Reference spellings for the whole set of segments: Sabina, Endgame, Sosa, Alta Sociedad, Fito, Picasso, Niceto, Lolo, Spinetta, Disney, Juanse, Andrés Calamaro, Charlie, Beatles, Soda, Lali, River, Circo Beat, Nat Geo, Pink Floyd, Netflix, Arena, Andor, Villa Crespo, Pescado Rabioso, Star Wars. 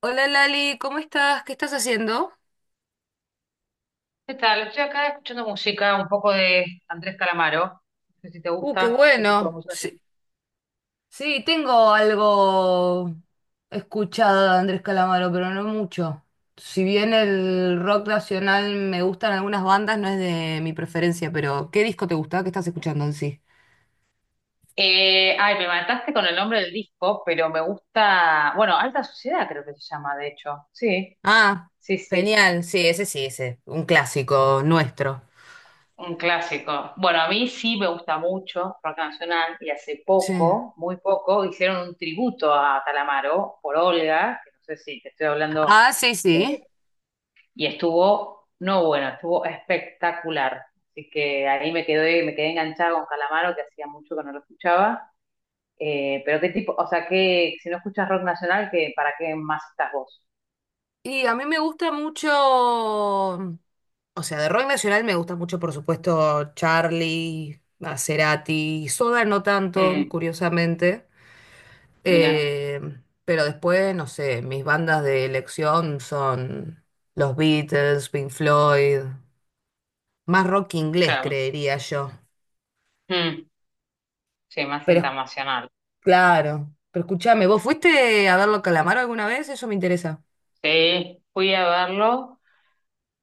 Hola Lali, ¿cómo estás? ¿Qué estás haciendo? ¿Qué tal? Estoy acá escuchando música, un poco de Andrés Calamaro. No sé si te Qué gusta qué tipo de bueno. música te Sí, gusta. sí, tengo algo escuchado de Andrés Calamaro, pero no mucho. Si bien el rock nacional me gustan algunas bandas, no es de mi preferencia, pero ¿qué disco te gusta? ¿Qué estás escuchando en sí? Ay, me mataste con el nombre del disco, pero me gusta, bueno, Alta Sociedad, creo que se llama, de hecho. Sí, Ah, sí, sí. genial. Sí, ese sí, ese. Un clásico nuestro. Un clásico. Bueno, a mí sí me gusta mucho rock nacional, y hace Sí. poco, muy poco, hicieron un tributo a Calamaro por Olga, que no sé si te estoy hablando. Ah, sí, sí. eh, Y estuvo, no, bueno, estuvo espectacular. Así que ahí me quedé enganchada con Calamaro, que hacía mucho que no lo escuchaba. Pero qué tipo, o sea, que si no escuchas rock nacional, qué ¿para qué más estás vos? Y a mí me gusta mucho, o sea, de rock nacional me gusta mucho, por supuesto, Charlie, a Cerati, Soda no tanto, Mm, curiosamente. mira, Eh, pero después, no sé, mis bandas de elección son los Beatles, Pink Floyd, más rock inglés, claro. creería yo. Mm, sí, más Pero internacional. claro, pero escúchame, ¿vos fuiste a verlo a Calamaro alguna vez? Eso me interesa. Sí, fui a verlo.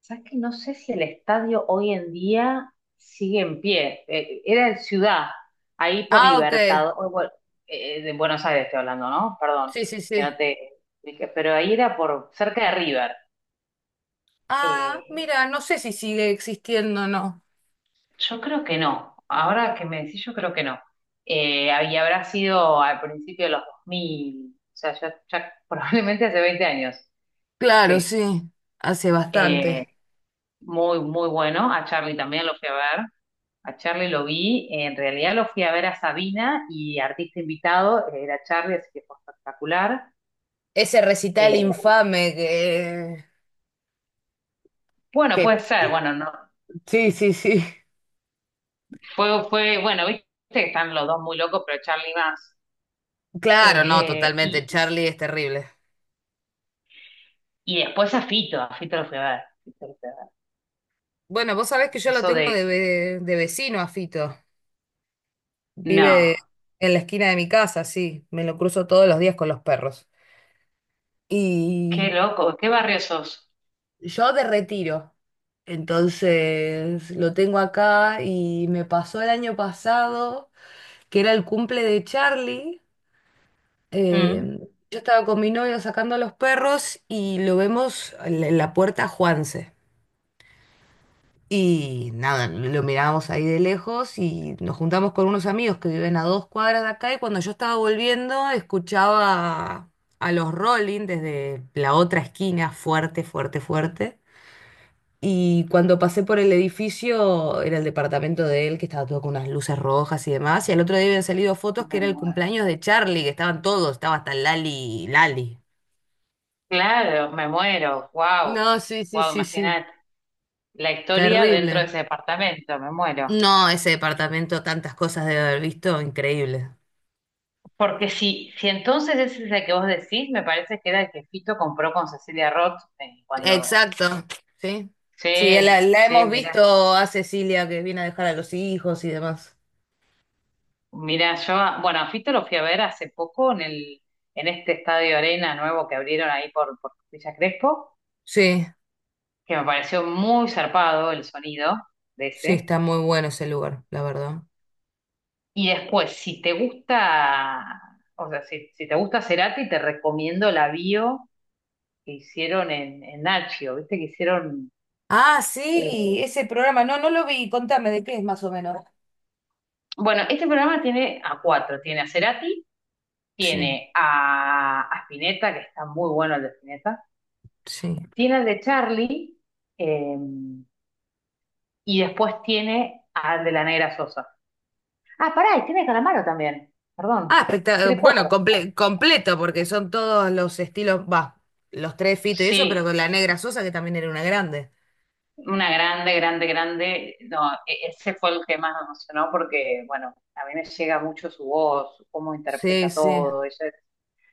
Sabes que no sé si el estadio hoy en día sigue en pie. Era en Ciudad, ahí por Ah, ok. Libertad, o bueno, de Buenos Aires estoy hablando, ¿no? Perdón, Sí, sí, que sí. no te expliqué, pero ahí era por cerca de River. Ah, Eh, mira, no sé si sigue existiendo o no. yo creo que no. Ahora que me decís, yo creo que no. Y habrá sido al principio de los 2000, o sea, ya, ya probablemente hace 20 años. Claro, Sí. sí, hace Eh, bastante. muy, muy bueno. A Charlie también lo fui a ver. A Charlie lo vi, en realidad lo fui a ver a Sabina, y artista invitado era Charlie, así que fue espectacular. Ese recital Eh, infame que, bueno, que... puede ser, que- bueno, no, Sí, sí, sí. fue, bueno, viste que están los dos muy locos, pero Charlie más. Claro, no, Eh, totalmente. y, Charlie es terrible. y después a Fito lo fui a ver. Fito lo fui a ver. Bueno, vos sabés que yo lo Eso tengo de, de, de vecino a Fito. Vive no, en la esquina de mi casa, sí. Me lo cruzo todos los días con los perros. qué Y loco, qué barrio sos. yo de retiro. Entonces, lo tengo acá y me pasó el año pasado, que era el cumple de Charlie. Mm, eh, yo estaba con mi novio sacando a los perros y lo vemos en la puerta a Juanse. Y nada, lo mirábamos ahí de lejos y nos juntamos con unos amigos que viven a 2 cuadras de acá y cuando yo estaba volviendo escuchaba a los Rolling desde la otra esquina, fuerte, fuerte, fuerte. Y cuando pasé por el edificio, era el departamento de él, que estaba todo con unas luces rojas y demás. Y al otro día habían salido fotos que me era el muero. cumpleaños de Charlie, que estaban todos, estaba hasta Lali, Lali. Claro, me muero, wow, No, sí, sí, wow, sí, sí. imagínate la historia dentro de Terrible. ese departamento, me muero. No, ese departamento, tantas cosas debe haber visto, increíble. Porque si entonces, ese es el que vos decís. Me parece que era el que Fito compró con Cecilia Roth cuando... Exacto, sí. Sí, Sí, la sí, hemos mirá, visto a Cecilia que viene a dejar a los hijos y demás. mirá, yo, bueno, a Fito lo fui a ver hace poco en el, en este estadio Arena nuevo que abrieron ahí por Villa Crespo, Sí, que me pareció muy zarpado el sonido de sí, ese. está muy bueno ese lugar, la verdad. Y después, si te gusta, o sea, si te gusta Cerati, te recomiendo la bio que hicieron en Nacho, ¿viste? Que hicieron. Ah, eh, sí, ese programa. No, no lo vi. Contame de qué es más o menos. Bueno, este programa tiene a cuatro. Tiene a Cerati, Sí, tiene a Spinetta, que está muy bueno el de Spinetta. sí. Tiene el de Charlie, eh, y después tiene al de la Negra Sosa. Ah, pará, y tiene Calamaro también. Ah, Perdón. Tiene bueno, cuatro. Completo, porque son todos los estilos, va, los tres Fito y eso, pero Sí, con la negra Sosa, que también era una grande. una grande, grande, grande. No, ese fue el que más me emocionó porque, bueno, a mí me llega mucho su voz, cómo Sí, interpreta sí, todo. Ella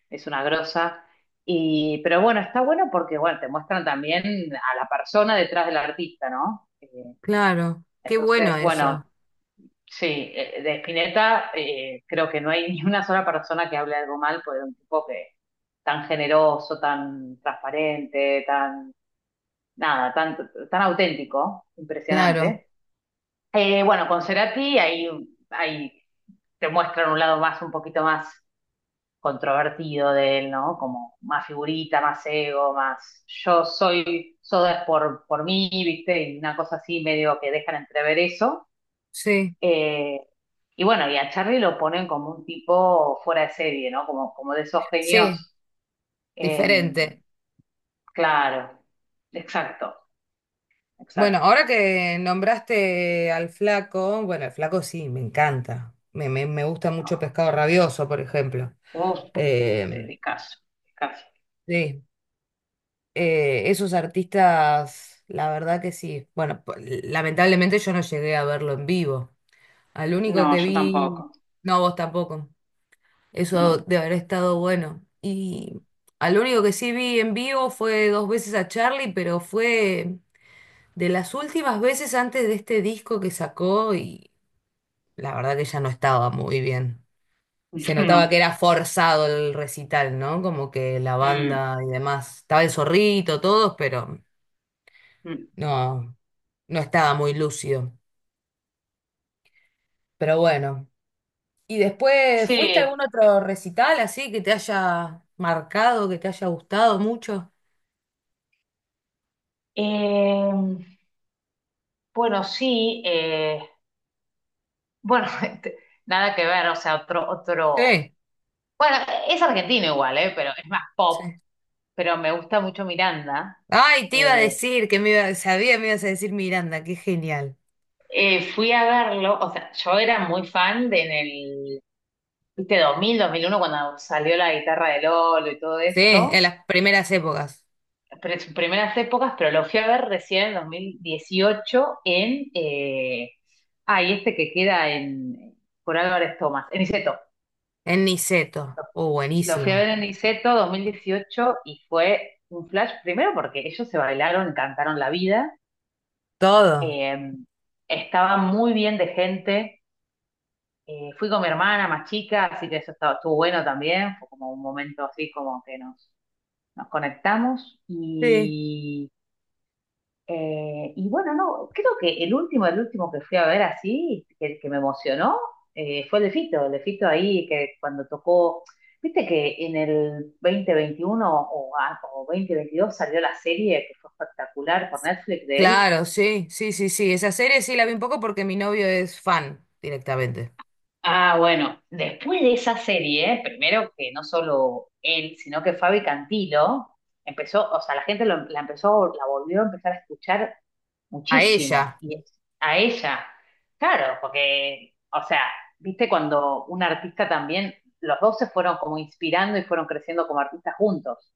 es una grosa. Y, pero bueno, está bueno porque, bueno, te muestran también a la persona detrás del artista, ¿no? Eh, claro. Qué bueno entonces, bueno, eso. sí, de Spinetta, creo que no hay ni una sola persona que hable algo mal, porque era un tipo que tan generoso, tan transparente, tan, nada, tan, tan auténtico, Claro, impresionante. Bueno, con Cerati, ahí, ahí te muestran un lado más, un poquito más controvertido de él, ¿no? Como más figurita, más ego, más yo soy, soda es por mí, ¿viste? Y una cosa así, medio que dejan entrever eso. sí, Eh, y bueno, y a Charlie lo ponen como un tipo fuera de serie, ¿no? Como de esos genios. sí, eh, diferente. claro, exacto, Bueno, exacto. ahora que nombraste al flaco, bueno, el flaco sí, me encanta. Me gusta mucho Ah, Pescado Rabioso, por ejemplo. uf, Eh, Picasso, Picasso. sí. Esos artistas, la verdad que sí. Bueno, lamentablemente yo no llegué a verlo en vivo. Al No, único que yo vi, tampoco, no, vos tampoco. Eso no, de haber estado bueno. Y al único que sí vi en vivo fue dos veces a Charlie, pero fue de las últimas veces antes de este disco que sacó y la verdad que ya no estaba muy bien. Se notaba no. que era forzado el recital, ¿no? Como que la Mm, banda y demás. Estaba el zorrito, todos, pero... mm. No, no estaba muy lúcido. Pero bueno. ¿Y después fuiste a algún Sí. otro recital así que te haya marcado, que te haya gustado mucho? Eh, Bueno, sí, bueno, este, nada que ver, o sea, otro, otro, Sí, bueno, es argentino igual, pero es más pop, sí. pero me gusta mucho Miranda. Ay, te iba a Eh, decir que me iba, sabía, que me ibas a decir Miranda, qué genial. fui a verlo, o sea, yo era muy fan de en el, viste, dos mil uno, cuando salió la guitarra de Lolo y todo Sí, en esto, las primeras épocas. pero en sus primeras épocas, pero lo fui a ver recién en 2018 en, y este que queda en, por Álvarez Thomas, en Niceto. En Niceto. Oh, Lo fui a ver buenísimo. en Niceto 2018 y fue un flash, primero porque ellos se bailaron y cantaron la vida. Todo. eh, estaba muy bien de gente. Fui con mi hermana más chica, así que eso estaba, estuvo bueno también. Fue como un momento así, como que nos conectamos. Sí. Y bueno, no, creo que el último, que fui a ver así, que me emocionó, fue el de Fito, ahí, que cuando tocó, viste que en el 2021 o, o 2022 salió la serie que fue espectacular por Netflix de él. Claro, sí, sí, sí, sí. Esa serie sí la vi un poco porque mi novio es fan directamente. Ah, bueno, después de esa serie, primero que no solo él, sino que Fabi Cantilo empezó, o sea, la gente la empezó, la volvió a empezar a escuchar A muchísimo. ella. Y es a ella. Claro, porque, o sea, viste, cuando un artista también, los dos se fueron como inspirando y fueron creciendo como artistas juntos.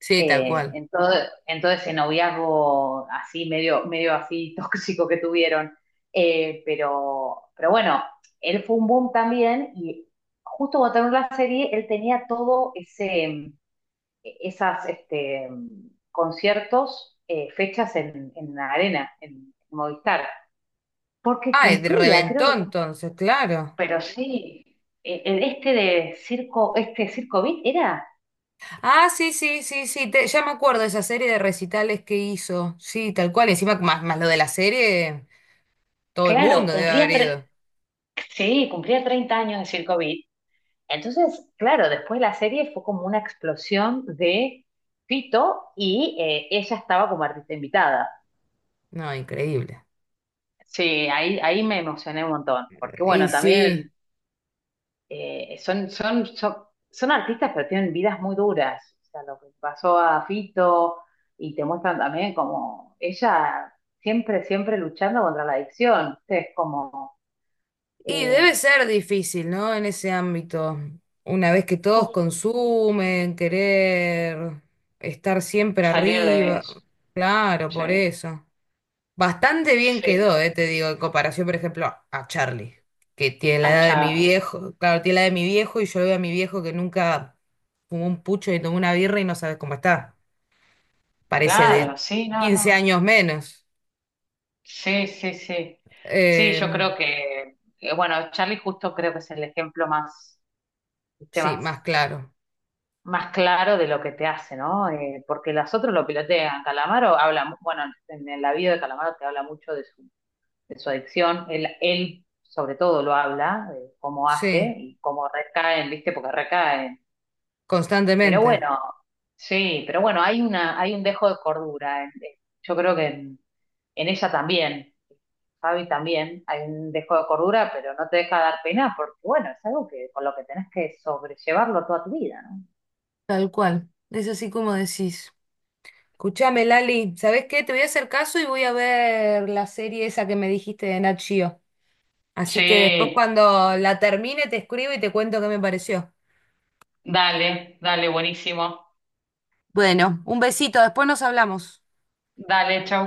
Sí, tal Eh, cual. en todo, en todo ese noviazgo así, medio, medio así tóxico que tuvieron. Pero, bueno, él fue un boom también, y justo cuando terminó la serie, él tenía todo ese esas, este, conciertos, fechas en la arena, en Movistar, porque Ay, cumplía, creo reventó que, entonces, claro. pero sí, el, este de Circo, este Circo Beat era, Ah, sí, sí, sí, sí, ya me acuerdo de esa serie de recitales que hizo. Sí, tal cual. Encima, más, más lo de la serie, todo el claro, mundo debe cumplía, haber ido. sí, cumplía 30 años de Circo Beat. Entonces, claro, después la serie fue como una explosión de Fito, y ella estaba como artista invitada. No, increíble. Sí, ahí, ahí me emocioné un montón, porque, Y bueno, también sí, eh, son, son, son, son artistas, pero tienen vidas muy duras. O sea, lo que pasó a Fito, y te muestran también como ella siempre, siempre luchando contra la adicción. O es como, y eh, debe ser difícil, ¿no? En ese ámbito. Una vez que todos uf, consumen, querer estar siempre salir de arriba. eso. Claro, Sí, por eso. Bastante bien sí. quedó, te digo, en comparación, por ejemplo, a Charlie, que tiene la edad de mi Achar. viejo, claro, tiene la edad de mi viejo y yo veo a mi viejo que nunca fumó un pucho ni tomó una birra y no sabes cómo está. Parece de Claro, sí, no, 15 no. años menos. Sí, sí, sí. Sí, Eh, yo creo que, bueno, Charlie justo creo que es el ejemplo más, ¿viste? sí, Más más claro. más claro de lo que te hace, ¿no? Porque las otras lo pilotean. Calamaro habla, bueno, en la vida de Calamaro te habla mucho de su adicción. Él, sobre todo, lo habla, de cómo Sí, hace y cómo recaen, ¿viste? Porque recaen. Pero constantemente. bueno, sí, pero bueno, hay una, hay un dejo de cordura. Yo creo que en ella también, Fabi también, hay un dejo de cordura, pero no te deja dar pena porque, bueno, es algo que con lo que tenés que sobrellevarlo toda tu vida, ¿no? Tal cual. Es así como decís. Escuchame, Lali, ¿sabés qué? Te voy a hacer caso y voy a ver la serie esa que me dijiste de Nat Geo. Así que después Sí, cuando la termine te escribo y te cuento qué me pareció. dale, dale, buenísimo. Bueno, un besito, después nos hablamos. Dale, chau.